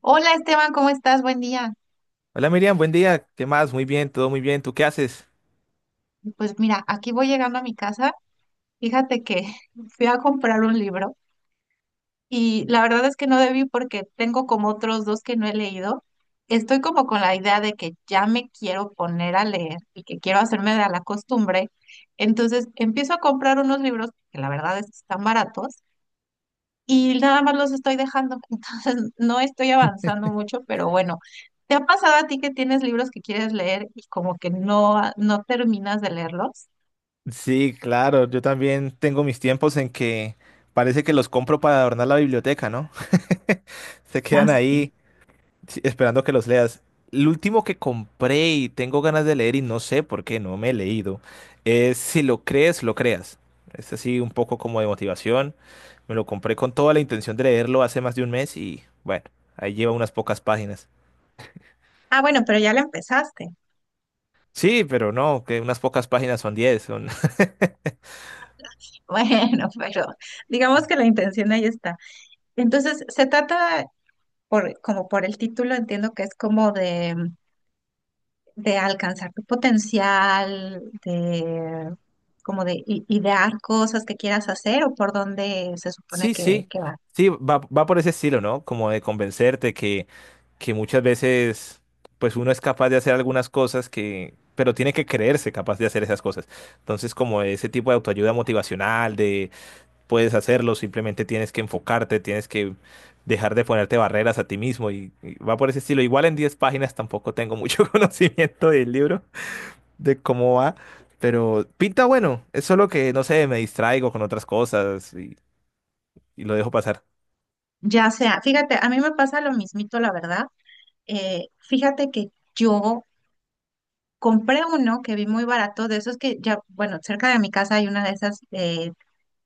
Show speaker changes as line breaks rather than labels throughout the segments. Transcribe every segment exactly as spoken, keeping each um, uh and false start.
Hola Esteban, ¿cómo estás? Buen día.
Hola Miriam, buen día. ¿Qué más? Muy bien, todo muy bien. ¿Tú qué haces?
Pues mira, aquí voy llegando a mi casa. Fíjate que fui a comprar un libro y la verdad es que no debí porque tengo como otros dos que no he leído. Estoy como con la idea de que ya me quiero poner a leer y que quiero hacerme de la costumbre. Entonces empiezo a comprar unos libros que la verdad es que están baratos y nada más los estoy dejando, entonces no estoy avanzando mucho, pero bueno, ¿te ha pasado a ti que tienes libros que quieres leer y como que no, no terminas de leerlos?
Sí, claro, yo también tengo mis tiempos en que parece que los compro para adornar la biblioteca, ¿no? Se
Ah,
quedan
sí.
ahí sí, esperando que los leas. El último que compré y tengo ganas de leer y no sé por qué no me he leído es Si lo crees, lo creas. Es así un poco como de motivación. Me lo compré con toda la intención de leerlo hace más de un mes y bueno, ahí lleva unas pocas páginas.
Ah, bueno, pero ya la empezaste.
Sí, pero no, que unas pocas páginas son diez. Son
Bueno, pero digamos que la intención ahí está. Entonces, se trata, por, como por el título, entiendo que es como de, de, alcanzar tu potencial, de como de i- idear cosas que quieras hacer o por dónde se supone
Sí,
que,
sí,
que va.
sí, va, va por ese estilo, ¿no? Como de convencerte que, que muchas veces, pues uno es capaz de hacer algunas cosas que, pero tiene que creerse capaz de hacer esas cosas. Entonces, como ese tipo de autoayuda motivacional, de puedes hacerlo, simplemente tienes que enfocarte, tienes que dejar de ponerte barreras a ti mismo y, y va por ese estilo. Igual en diez páginas tampoco tengo mucho conocimiento del libro, de cómo va, pero pinta bueno, es solo que, no sé, me distraigo con otras cosas y y lo dejo pasar.
Ya sea, fíjate, a mí me pasa lo mismito, la verdad. Eh, fíjate que yo compré uno que vi muy barato, de esos que ya, bueno, cerca de mi casa hay una de esas eh,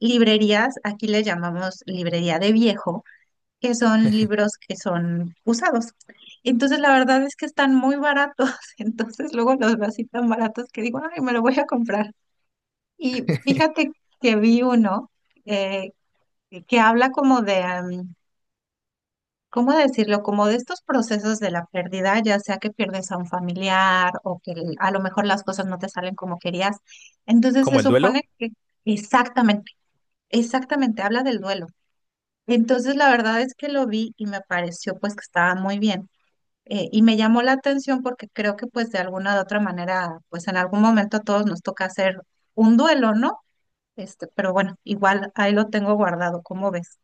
librerías, aquí le llamamos librería de viejo, que son libros que son usados. Entonces, la verdad es que están muy baratos, entonces luego los veo así tan baratos que digo, ay, me lo voy a comprar. Y fíjate que vi uno eh, que habla como de... am, ¿cómo decirlo? Como de estos procesos de la pérdida, ya sea que pierdes a un familiar o que el- a lo mejor las cosas no te salen como querías. Entonces se
Como el duelo,
supone que exactamente, exactamente habla del duelo. Entonces la verdad es que lo vi y me pareció pues que estaba muy bien. Eh, y me llamó la atención porque creo que pues de alguna u otra manera, pues en algún momento a todos nos toca hacer un duelo, ¿no? Este, pero bueno, igual ahí lo tengo guardado, ¿cómo ves?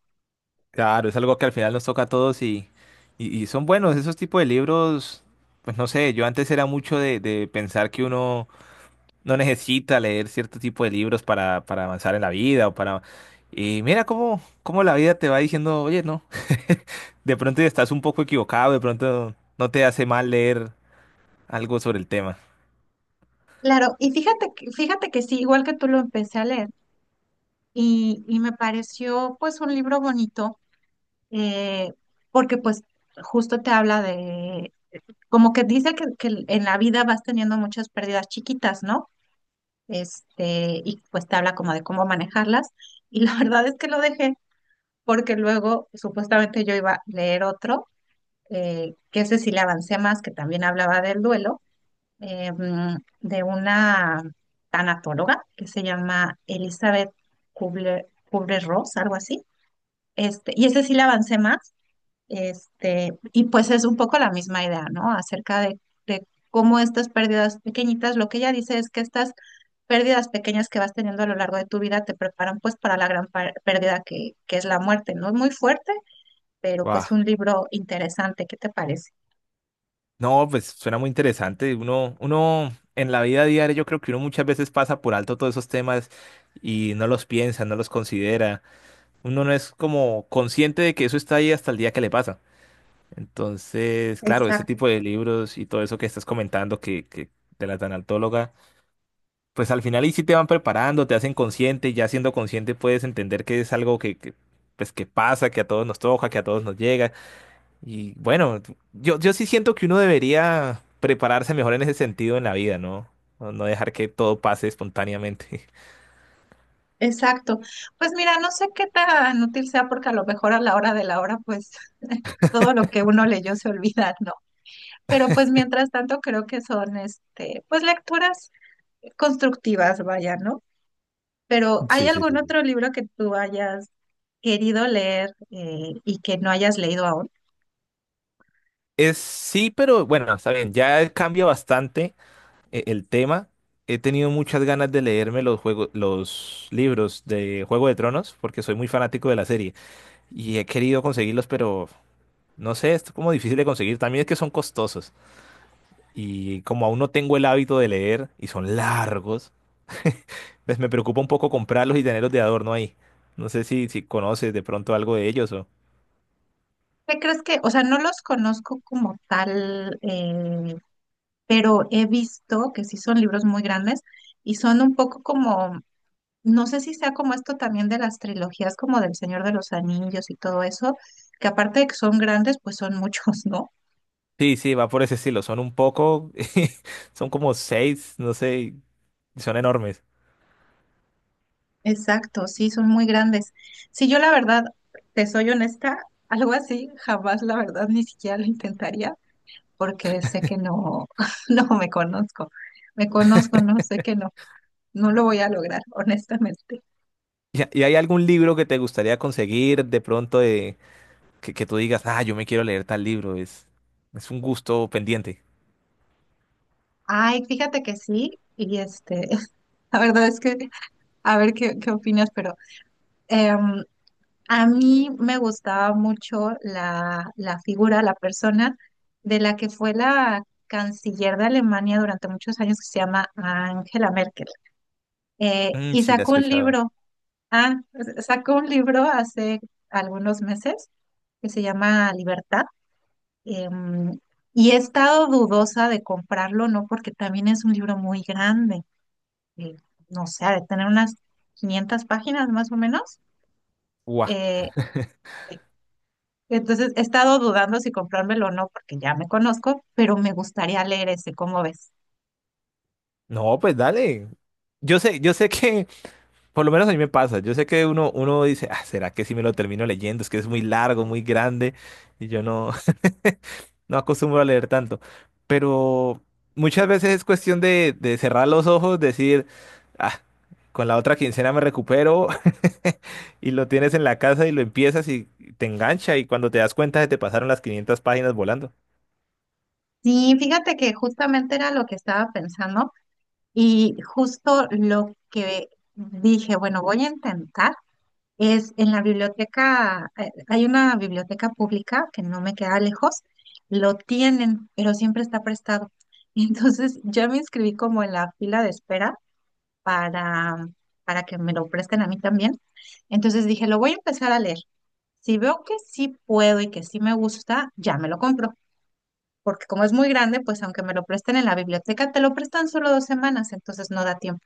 claro, es algo que al final nos toca a todos y, y, y son buenos esos tipos de libros. Pues no sé, yo antes era mucho de, de pensar que uno no necesita leer cierto tipo de libros para, para avanzar en la vida o para... Y mira cómo, cómo la vida te va diciendo, oye, no, de pronto estás un poco equivocado, de pronto no te hace mal leer algo sobre el tema.
Claro, y fíjate que, fíjate que sí, igual que tú lo empecé a leer. y, y me pareció pues un libro bonito eh, porque pues justo te habla de, como que dice que, que, en la vida vas teniendo muchas pérdidas chiquitas, ¿no? Este, y pues te habla como de cómo manejarlas y la verdad es que lo dejé porque luego supuestamente yo iba a leer otro, eh, que ese sí le avancé más, que también hablaba del duelo, eh, mm, de una tanatóloga que se llama Elizabeth Kubler, Kubler-Ross, algo así. Este, y ese sí le avancé más, este, y pues es un poco la misma idea, ¿no? Acerca de, de cómo estas pérdidas pequeñitas, lo que ella dice es que estas pérdidas pequeñas que vas teniendo a lo largo de tu vida te preparan pues para la gran par- pérdida que, que es la muerte, ¿no? Muy fuerte, pero
Wow.
pues un libro interesante, ¿qué te parece?
No, pues suena muy interesante. Uno, uno en la vida diaria yo creo que uno muchas veces pasa por alto todos esos temas y no los piensa, no los considera. Uno no es como consciente de que eso está ahí hasta el día que le pasa. Entonces, claro, ese
Exacto.
tipo de libros y todo eso que estás comentando que, que de la tanatóloga, pues al final ahí sí te van preparando, te hacen consciente y ya siendo consciente puedes entender que es algo que, que, pues que pasa, que a todos nos toca, que a todos nos llega y bueno, yo, yo sí siento que uno debería prepararse mejor en ese sentido en la vida, ¿no? No no dejar que todo pase espontáneamente.
Exacto. Pues mira, no sé qué tan útil sea porque a lo mejor a la hora de la hora, pues todo lo que uno leyó se olvida, ¿no? Pero pues mientras tanto creo que son este, pues lecturas constructivas, vaya, ¿no? Pero ¿hay
Sí, sí,
algún
sí, sí.
otro libro que tú hayas querido leer eh, y que no hayas leído aún?
Es sí, pero bueno, está bien, ya cambia bastante eh, el tema. He tenido muchas ganas de leerme los juegos, los libros de Juego de Tronos, porque soy muy fanático de la serie y he querido conseguirlos, pero no sé, es como difícil de conseguir. También es que son costosos y como aún no tengo el hábito de leer y son largos, pues me preocupa un poco comprarlos y tenerlos de adorno ahí. No sé si, si conoces de pronto algo de ellos o...
¿Qué crees que, o sea, no los conozco como tal, eh, pero he visto que sí son libros muy grandes y son un poco como, no sé si sea como esto también de las trilogías como del Señor de los Anillos y todo eso, que aparte de que son grandes, pues son muchos, ¿no?
Sí, sí, va por ese estilo. Son un poco... Son como seis, no sé, y son enormes.
Exacto, sí, son muy grandes. Si yo la verdad, te soy honesta, algo así, jamás la verdad ni siquiera lo intentaría porque sé que no, no me conozco, me conozco, no sé que no, no lo voy a lograr, honestamente.
¿Y, y hay algún libro que te gustaría conseguir de pronto de, que, que tú digas, ah, yo me quiero leer tal libro? Es, es un gusto pendiente.
Ay, fíjate que sí, y este, la verdad es que, a ver qué, qué opinas, pero em, a mí me gustaba mucho la, la figura, la persona de la que fue la canciller de Alemania durante muchos años, que se llama Angela Merkel. Eh,
Mm,
y
sí, la he
sacó un
escuchado.
libro, ah, sacó un libro hace algunos meses que se llama Libertad. em, y he estado dudosa de comprarlo, ¿no? Porque también es un libro muy grande, eh, no sé, ha de tener unas quinientas páginas más o menos.
Guau.
Eh, Entonces he estado dudando si comprármelo o no, porque ya me conozco, pero me gustaría leer ese, ¿cómo ves?
No, pues dale. Yo sé, yo sé que Por lo menos a mí me pasa. Yo sé que uno, uno dice, ah, ¿será que si me lo termino leyendo? Es que es muy largo, muy grande y yo no, no acostumbro a leer tanto. Pero muchas veces es cuestión de, de cerrar los ojos, decir, ah, con la otra quincena me recupero y lo tienes en la casa y lo empiezas y te engancha y cuando te das cuenta se te pasaron las quinientas páginas volando.
Sí, fíjate que justamente era lo que estaba pensando y justo lo que dije, bueno, voy a intentar, es en la biblioteca, eh, hay una biblioteca pública que no me queda lejos, lo tienen, pero siempre está prestado. Entonces yo me inscribí como en la fila de espera para, para, que me lo presten a mí también. Entonces dije, lo voy a empezar a leer. Si veo que sí puedo y que sí me gusta, ya me lo compro. Porque como es muy grande, pues aunque me lo presten en la biblioteca, te lo prestan solo dos semanas, entonces no da tiempo.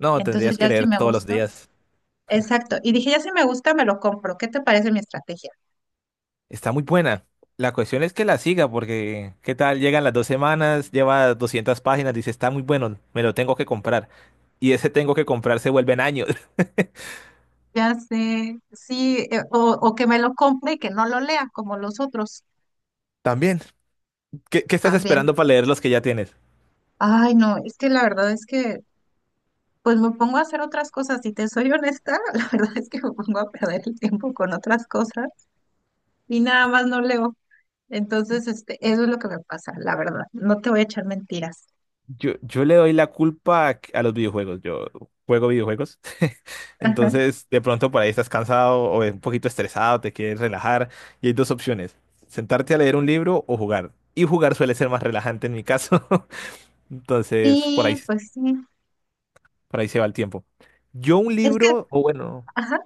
No,
Entonces
tendrías que
ya si
leer
me
todos los
gusta,
días.
exacto. Y dije, ya si me gusta, me lo compro. ¿Qué te parece mi estrategia?
Está muy buena. La cuestión es que la siga, porque ¿qué tal? Llegan las dos semanas, lleva doscientas páginas, dice, está muy bueno, me lo tengo que comprar. Y ese tengo que comprar se vuelven años.
Ya sé, sí, eh, o, o que me lo compre y que no lo lea como los otros
También. ¿Qué, qué estás
también.
esperando para leer los que ya tienes?
Ay, no, es que la verdad es que pues me pongo a hacer otras cosas, si te soy honesta, la verdad es que me pongo a perder el tiempo con otras cosas y nada más no leo. Entonces, este, eso es lo que me pasa, la verdad. No te voy a echar mentiras.
Yo, yo le doy la culpa a, a los videojuegos. Yo juego videojuegos.
Ajá.
Entonces, de pronto por ahí estás cansado o un poquito estresado, te quieres relajar. Y hay dos opciones. Sentarte a leer un libro o jugar. Y jugar suele ser más relajante en mi caso. Entonces, por ahí
Sí, pues sí.
Por ahí se va el tiempo. Yo un
Es que,
libro, o bueno,
ajá.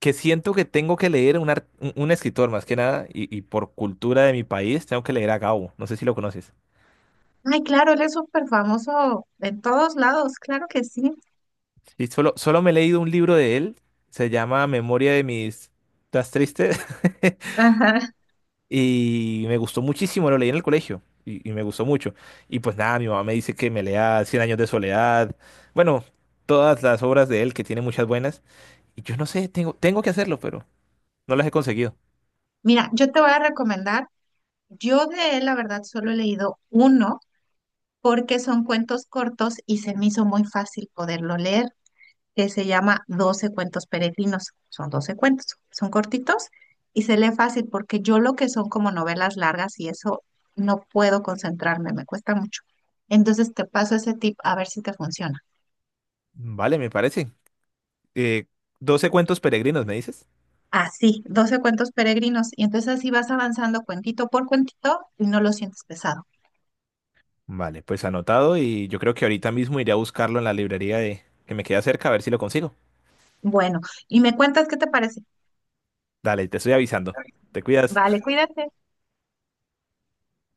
que siento que tengo que leer un, ar- un un escritor más que nada, y, y por cultura de mi país, tengo que leer a Gabo. No sé si lo conoces.
Ay, claro, él es súper famoso en todos lados, claro que sí.
Y solo, solo me he leído un libro de él, se llama Memoria de mis... ¿Estás triste?
Ajá.
Y me gustó muchísimo, lo leí en el colegio y, y me gustó mucho. Y pues nada, mi mamá me dice que me lea Cien años de soledad, bueno, todas las obras de él, que tiene muchas buenas. Y yo no sé, tengo, tengo que hacerlo, pero no las he conseguido.
Mira, yo te voy a recomendar, yo de él, la verdad, solo he leído uno porque son cuentos cortos y se me hizo muy fácil poderlo leer. Que se llama Doce cuentos peregrinos. Son doce cuentos, son cortitos y se lee fácil porque yo lo que son como novelas largas y eso no puedo concentrarme, me cuesta mucho. Entonces te paso ese tip a ver si te funciona.
Vale, me parece. Eh, doce cuentos peregrinos, ¿me dices?
Así, Doce cuentos peregrinos y entonces así vas avanzando cuentito por cuentito y no lo sientes pesado.
Vale, pues anotado y yo creo que ahorita mismo iré a buscarlo en la librería de que me queda cerca a ver si lo consigo.
Bueno, y me cuentas qué te parece.
Dale, te estoy avisando. Te
Vale,
cuidas.
cuídate.